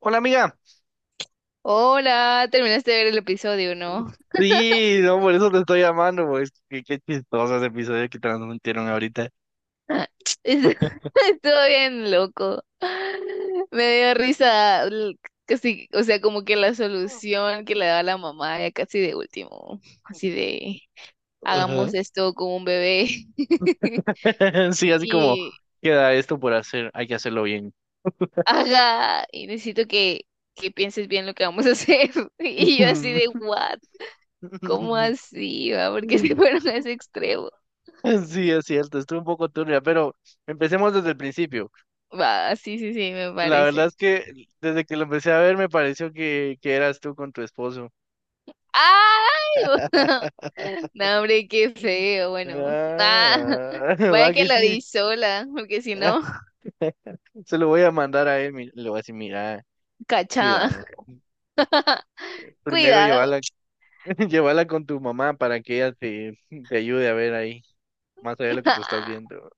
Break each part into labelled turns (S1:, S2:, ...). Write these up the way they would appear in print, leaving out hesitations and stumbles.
S1: Hola amiga,
S2: Hola, terminaste de ver el episodio, ¿no?
S1: sí, no, por eso te estoy llamando, pues qué chistoso ese episodio que transmitieron ahorita.
S2: Estuvo estuvo bien loco. Me dio risa, casi, o sea, como que la solución que le da la mamá ya casi de último, así de
S1: Ajá.
S2: hagamos esto con un bebé.
S1: Sí, así como
S2: y
S1: queda esto por hacer, hay que hacerlo bien.
S2: y necesito que pienses bien lo que vamos a hacer. Y yo así de what, ¿cómo así, va? Porque se fueron a ese extremo.
S1: Sí, es cierto, estuve un poco turbia, pero empecemos desde el principio.
S2: Va, sí, sí, sí, me
S1: La verdad
S2: parece.
S1: es que desde que lo empecé a ver me pareció que eras tú con tu esposo.
S2: ¡Ay! No, hombre, qué feo. Bueno, ah,
S1: Ah,
S2: vaya
S1: va
S2: que
S1: que
S2: la
S1: sí.
S2: di sola, porque si
S1: Ah,
S2: no,
S1: se lo voy a mandar a él, le voy a decir, mira,
S2: cachada.
S1: cuidado. Primero
S2: Cuidado.
S1: llévala, llévala con tu mamá para que ella te ayude a ver ahí, más allá de lo que tú estás viendo.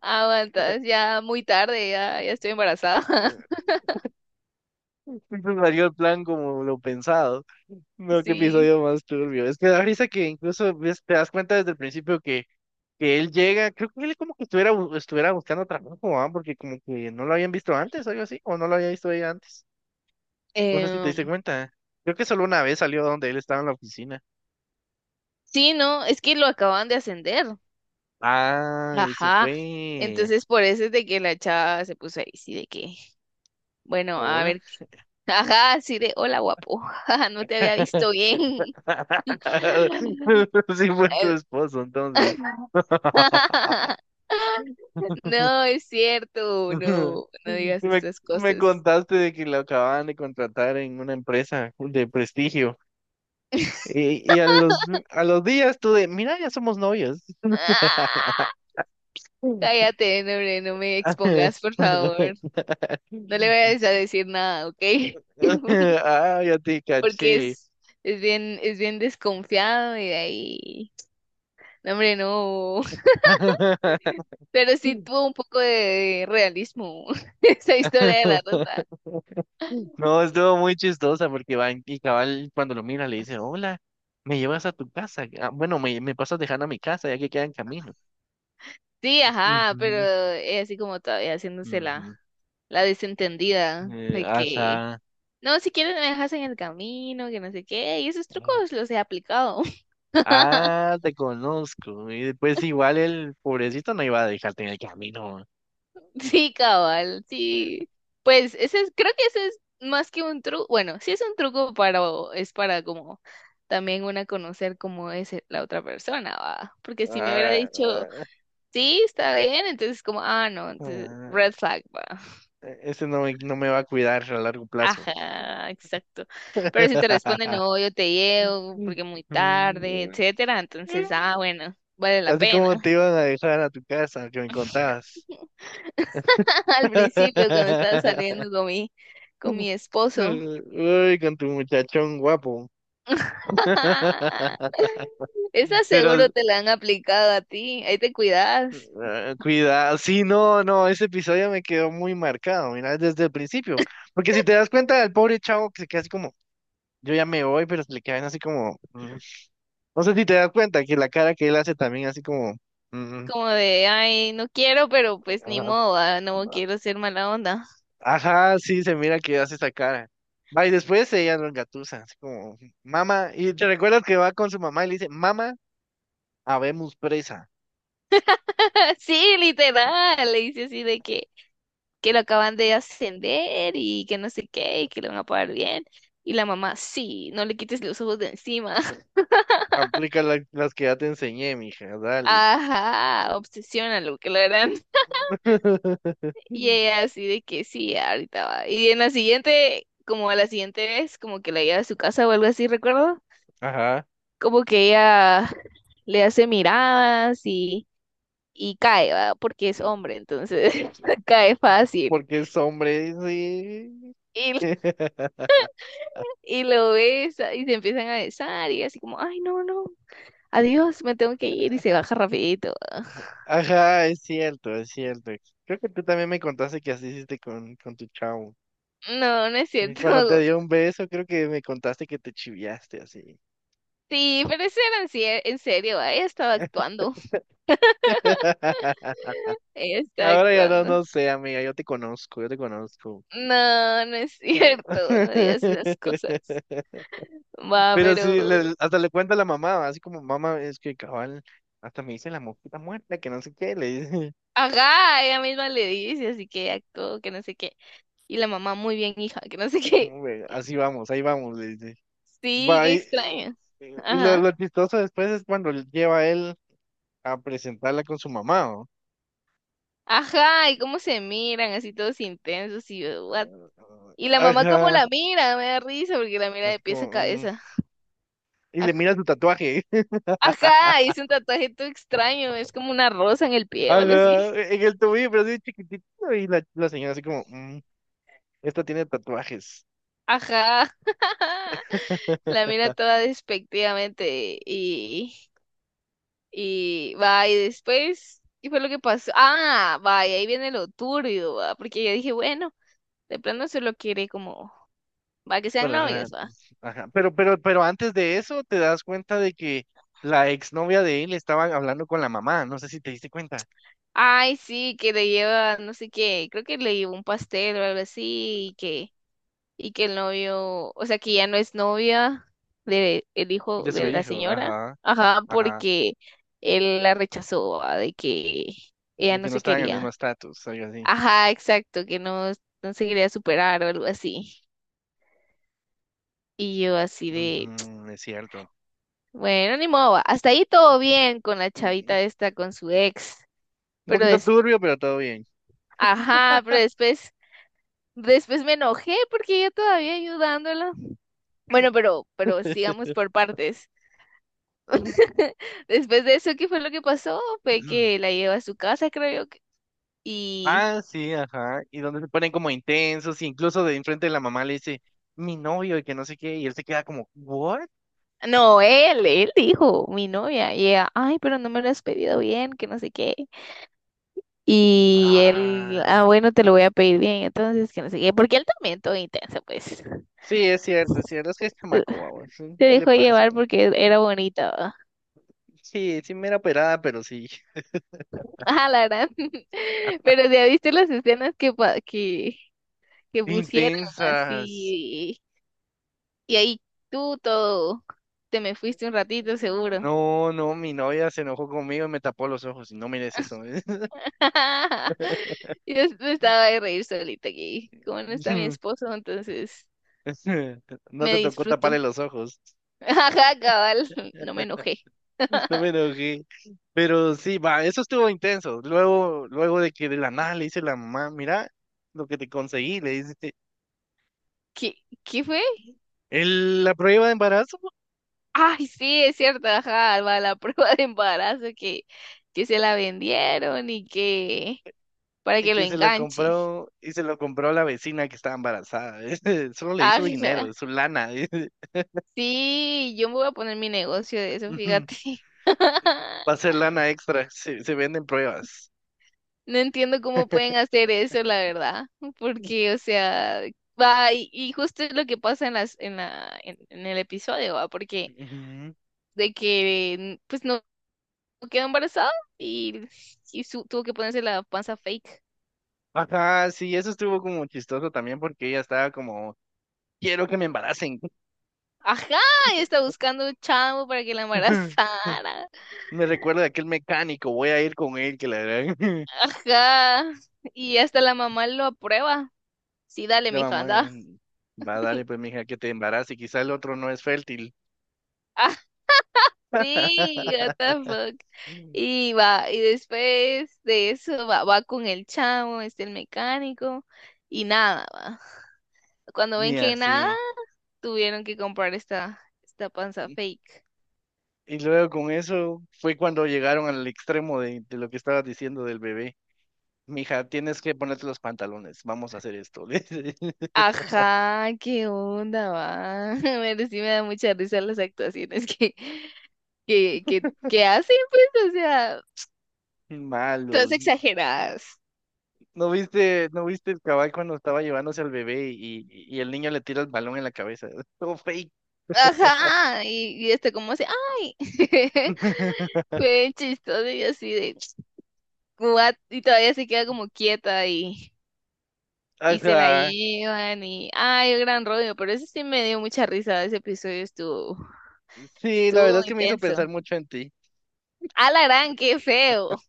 S2: Aguantas, ya muy tarde, ya estoy embarazada.
S1: Entonces salió el plan como lo pensado. No, qué
S2: Sí.
S1: episodio más turbio. Es que da risa que incluso te das cuenta desde el principio que él llega, creo que él como que estuviera, estuviera buscando trabajo, ¿ah? Porque como que no lo habían visto antes, algo así, o no lo había visto ella antes. No sé si te
S2: Em,
S1: diste cuenta. Creo que solo una vez salió donde él estaba en la oficina.
S2: sí, no, es que lo acaban de ascender.
S1: Ah, eso
S2: Ajá,
S1: fue.
S2: entonces por eso es de que la chava se puso ahí, sí, de que, bueno, a
S1: Hola.
S2: ver, ajá, así de, hola guapo, no te había visto bien.
S1: Sí fue tu
S2: Eh,
S1: esposo, entonces.
S2: No, es cierto, no, no digas estas
S1: Me
S2: cosas.
S1: contaste de que lo acababan de contratar en una empresa de prestigio. A los días tú de, mira, ya somos novios.
S2: ¡Ah! Cállate, no, hombre, no me expongas, por favor. No le vayas a decir nada, ¿ok?
S1: Ah, ya te
S2: Porque
S1: caché.
S2: es bien desconfiado y de ahí. No, hombre, no. Pero sí tuvo un poco de realismo esa historia de la rosa.
S1: No, estuvo muy chistosa porque van y cabal cuando lo mira le dice, hola, me llevas a tu casa. Ah, bueno, me pasas dejando a mi casa ya que queda en camino.
S2: Sí, ajá, pero es así como todavía
S1: Ujú,
S2: haciéndose la,
S1: ujú.
S2: la desentendida de que
S1: Ajá.
S2: no, si quieres me dejas en el camino, que no sé qué, y esos trucos los he aplicado.
S1: Ah, te conozco. Y después igual el pobrecito no iba a dejarte en el camino.
S2: Sí, cabal, sí. Pues ese es, creo que ese es más que un truco, bueno, sí es un truco para, es para como también una conocer cómo es la otra persona, va. Porque si me hubiera
S1: Ah,
S2: dicho,
S1: ah,
S2: sí, está bien, entonces como, ah, no, entonces
S1: ah,
S2: red flag, va.
S1: ese no me va a cuidar a largo plazo.
S2: Ajá, exacto. Pero si te responde, no, yo te llevo porque muy tarde,
S1: Mm.
S2: etcétera, entonces, ah, bueno, vale la
S1: Así
S2: pena.
S1: como te iban a dejar a tu casa, que me contabas.
S2: Al principio, cuando estaba saliendo con mi esposo.
S1: Uy, con tu muchachón guapo.
S2: Esa seguro
S1: Pero
S2: te la han aplicado a ti. Ahí te cuidas.
S1: cuidado, sí, no, no, ese episodio me quedó muy marcado, mira, desde el principio. Porque si te das cuenta el pobre chavo que se queda así como, yo ya me voy, pero se le quedan así como, mm. No sé si te das cuenta que la cara que él hace también así como, mm,
S2: Como de, ay, no quiero, pero pues ni modo, ah, no
S1: mm,
S2: quiero ser mala onda.
S1: ajá, sí, se mira que hace esa cara. Va, y después ella lo engatusa, así como, mamá, y te recuerdas que va con su mamá y le dice, mamá, habemos presa.
S2: Sí, literal. Le dice así de que lo acaban de ascender y que no sé qué, y que le van a pagar bien. Y la mamá, sí, no le quites los ojos de encima.
S1: Aplica las que ya te enseñé, mija, dale.
S2: Ajá, obsesiónalo, que lo harán. Y ella así de que sí, ahorita va. Y en la siguiente, como a la siguiente vez, como que la lleva a su casa o algo así, recuerdo,
S1: Ajá.
S2: como que ella le hace miradas y cae, ¿va? Porque es
S1: Mm,
S2: hombre, entonces
S1: mm,
S2: cae fácil.
S1: porque es hombre, sí.
S2: Y, y lo besa y se empiezan a besar y así como, ay, no, no, adiós, me tengo que ir y se baja rapidito, ¿va?
S1: Ajá, es cierto, es cierto. Creo que tú también me contaste que así hiciste con tu chavo.
S2: No, no es
S1: Y cuando te
S2: cierto.
S1: dio un beso, creo que me contaste que te chiviaste así.
S2: Sí, pero eso era en serio, ¿va? Ella estaba actuando, ella estaba
S1: Ahora ya no,
S2: actuando.
S1: no sé, amiga, yo te conozco, yo te conozco.
S2: No, no es cierto, no digas esas cosas. Va,
S1: Pero sí,
S2: pero.
S1: hasta le cuenta a la mamá, así como mamá, es que cabal, hasta me dice la mosquita muerta, que no sé qué, le dice,
S2: Ajá, ella misma le dice, así que actuó, que no sé qué. Y la mamá, muy bien, hija, que no sé qué.
S1: "No, güey, así vamos, ahí vamos, le dice.
S2: Sí,
S1: Va,
S2: qué extraño.
S1: y
S2: Ajá.
S1: lo chistoso después es cuando lleva a él a presentarla con su mamá, ¿o?
S2: Ajá, y cómo se miran, así todos intensos y yo, what. Y la mamá cómo
S1: Ajá,
S2: la mira, me da risa porque la mira de
S1: así
S2: pies
S1: como,
S2: a
S1: mm,
S2: cabeza.
S1: y le
S2: Aj-
S1: mira su tatuaje.
S2: Ajá, hizo un tatuaje todo extraño, es como una rosa en el pie o algo así.
S1: Ajá, en el tobillo, pero así chiquitito. Y la señora así como, mm, Esta tiene tatuajes.
S2: Ajá. La mira toda despectivamente y va, y después, ¿qué fue lo que pasó? Ah, va, y ahí viene lo turbio, va, porque yo dije, bueno, de plano solo quiere como, va, que sean
S1: Bueno, ajá,
S2: novios, va.
S1: ajá. Pero antes de eso te das cuenta de que la exnovia de él estaba hablando con la mamá, no sé si te diste cuenta,
S2: Ay, sí, que le lleva, no sé qué, creo que le llevó un pastel o algo así, y que, el novio, o sea, que ya no es novia de el
S1: de
S2: hijo
S1: su
S2: de la
S1: hijo,
S2: señora,
S1: ajá,
S2: ajá,
S1: ajá,
S2: porque él la rechazó, va, de que ella
S1: de que
S2: no
S1: no
S2: se
S1: estaban en el mismo
S2: quería,
S1: estatus, algo así.
S2: ajá, exacto, que no, no se quería superar o algo así. Y yo así de,
S1: Ujú, es cierto.
S2: bueno, ni modo, va. Hasta ahí todo bien con la
S1: Mm,
S2: chavita esta, con su ex,
S1: Un
S2: pero
S1: poquito
S2: des,
S1: turbio, pero todo bien.
S2: ajá, pero después me enojé porque yo todavía ayudándola. Bueno, pero sigamos por partes. Después de eso, ¿qué fue lo que pasó? Fue que la llevó a su casa, creo yo, y
S1: Ah, sí, ajá. Y donde se ponen como intensos, y incluso de enfrente de la mamá le dice, mi novio, y que no sé qué, y él se queda como, ¿what?
S2: no, él dijo, mi novia, y ella, ay, pero no me lo has pedido bien, que no sé qué. Y él,
S1: Ah.
S2: ah, bueno, te lo voy a pedir bien, entonces, que no sé qué, porque él también todo intenso, pues,
S1: Sí, es cierto, es cierto, es que es chamaco, guau, sí,
S2: se
S1: sí le
S2: dejó
S1: pasa.
S2: llevar
S1: Güey.
S2: porque era bonito, ¿no?
S1: Sí, sí, mera operada, pero sí.
S2: ah, la verdad, pero ya viste las escenas que pusieron
S1: Intensas.
S2: así, y ahí tú todo, te me fuiste un ratito seguro,
S1: No, no, mi novia se enojó conmigo y me tapó los ojos. Y No mires eso.
S2: yo estaba de reír solita aquí, como no está mi esposo, entonces,
S1: No
S2: me
S1: te tocó
S2: disfruto,
S1: taparle los ojos.
S2: ajá, cabal, no me enojé.
S1: No me enojé. Pero sí, va, eso estuvo intenso. Luego, luego de que de la nada le dice la mamá, mira lo que te conseguí, le dice,
S2: ¿qué, qué fue?
S1: La prueba de embarazo.
S2: Ay, sí, es cierto, ajá, va la prueba de embarazo que, se la vendieron y que para
S1: Y
S2: que lo
S1: que se la
S2: enganche.
S1: compró, y se lo compró a la vecina que estaba embarazada. Solo le hizo
S2: Ajá.
S1: dinero, su lana.
S2: Sí, yo me voy a poner mi negocio de eso,
S1: Ujú.
S2: fíjate.
S1: Va a ser lana extra, se venden pruebas.
S2: No entiendo cómo pueden hacer eso, la verdad, porque, o sea, va, y justo es lo que pasa en las, en la, en el episodio, va, porque
S1: Ujú.
S2: de que, pues, no quedó embarazada y, y tuvo que ponerse la panza fake.
S1: Ajá, sí, eso estuvo como chistoso también porque ella estaba como, quiero que me embaracen.
S2: Ajá, y está buscando un chavo para que la embarazara.
S1: Me recuerdo de aquel mecánico, voy a ir con él, que la verdad.
S2: Ajá. Y hasta la mamá lo aprueba. Sí, dale,
S1: La
S2: mija,
S1: mamá,
S2: anda.
S1: va, dale pues, mija, que te embarace, quizá el otro no es fértil.
S2: Ah, sí, what the fuck. Y va, y después de eso va, con el chavo, este el mecánico, y nada, va. Cuando ven
S1: Ni
S2: que nada,
S1: así.
S2: tuvieron que comprar esta panza fake.
S1: Y luego con eso fue cuando llegaron al extremo de lo que estabas diciendo del bebé. Mija, tienes que ponerte los pantalones, vamos a hacer esto. le dice.
S2: Ajá, qué onda, va. Pero sí me da mucha risa las actuaciones que hacen, pues, o sea, todas
S1: Malos.
S2: exageradas.
S1: No viste el cabal cuando estaba llevándose al bebé y el niño le tira el balón en la cabeza? Todo fake.
S2: Ajá, y esto como así, ay, fue chistoso y así de, what, y todavía se queda como quieta y se la
S1: Ajá.
S2: llevan y, ay, gran rollo, pero eso sí me dio mucha risa, ese episodio estuvo,
S1: Sí, la
S2: estuvo
S1: verdad es que me hizo
S2: intenso.
S1: pensar mucho en ti.
S2: A la gran, qué feo.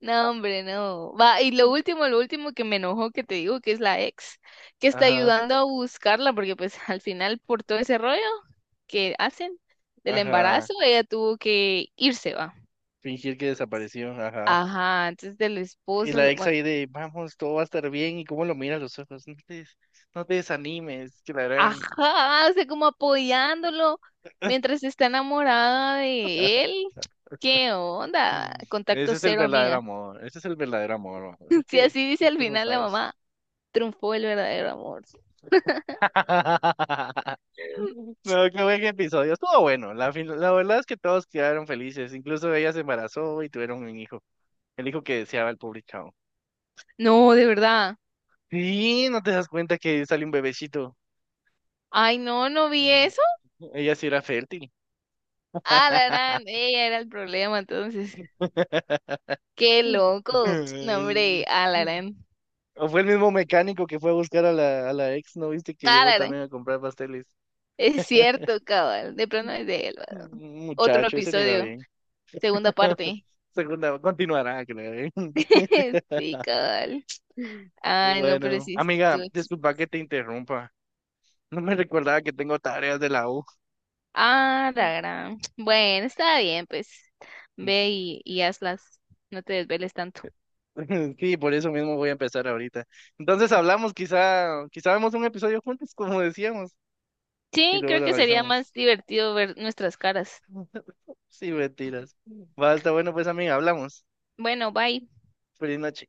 S2: No, hombre, no. Va, y lo último que me enojó que te digo que es la ex, que está
S1: Ajá,
S2: ayudando a buscarla, porque pues al final por todo ese rollo que hacen del
S1: ajá.
S2: embarazo, ella tuvo que irse, va.
S1: Fingir que desapareció, ajá.
S2: Ajá, entonces del
S1: Y
S2: esposo,
S1: la ex
S2: bueno,
S1: ahí de, vamos, todo va a estar bien. ¿Y cómo lo mira a los ojos? No te desanimes, que la harán.
S2: ajá, o sea, como apoyándolo mientras está enamorada de él. ¿Qué onda?
S1: Mm.
S2: Contacto
S1: Ese es el
S2: cero,
S1: verdadero
S2: amiga.
S1: amor, ese es el verdadero amor, bro. ¿Eso
S2: Si
S1: qué?
S2: así dice
S1: No,
S2: al
S1: tú no
S2: final la
S1: sabes.
S2: mamá, triunfó el verdadero amor.
S1: No, qué buen episodio. Estuvo bueno. La verdad es que todos quedaron felices. Incluso ella se embarazó y tuvieron un hijo. El hijo que deseaba el pobre chavo.
S2: No, de verdad.
S1: Sí, no te das cuenta que sale un bebecito.
S2: Ay, no, no vi
S1: Mm,
S2: eso.
S1: ella sí era fértil.
S2: Alarán, ella era el problema, entonces. Qué loco. No, hombre, Alarán.
S1: O fue el mismo mecánico que fue a buscar a a la ex, ¿no viste que llegó
S2: Alarán.
S1: también a comprar pasteles?
S2: Es cierto, cabal. De pronto es de él, ¿verdad?
S1: Mm,
S2: Otro
S1: muchacho, ese le iba
S2: episodio,
S1: bien.
S2: segunda parte.
S1: Segunda, continuará, que le iba bien.
S2: Sí, cabal. Ay, no, pero
S1: Bueno,
S2: sí
S1: amiga,
S2: estuvo.
S1: disculpa que te interrumpa. No me recordaba que tengo tareas de la U.
S2: Ah, la gran. Bueno, está bien, pues. Ve y hazlas. No te desveles tanto.
S1: Sí, por eso mismo voy a empezar ahorita. Entonces hablamos, quizá vemos un episodio juntos, como decíamos, y
S2: Sí,
S1: luego
S2: creo
S1: lo
S2: que sería
S1: analizamos.
S2: más divertido ver nuestras caras.
S1: Sí, mentiras. Va, está bueno, pues amiga, hablamos.
S2: Bueno, bye.
S1: Feliz noche.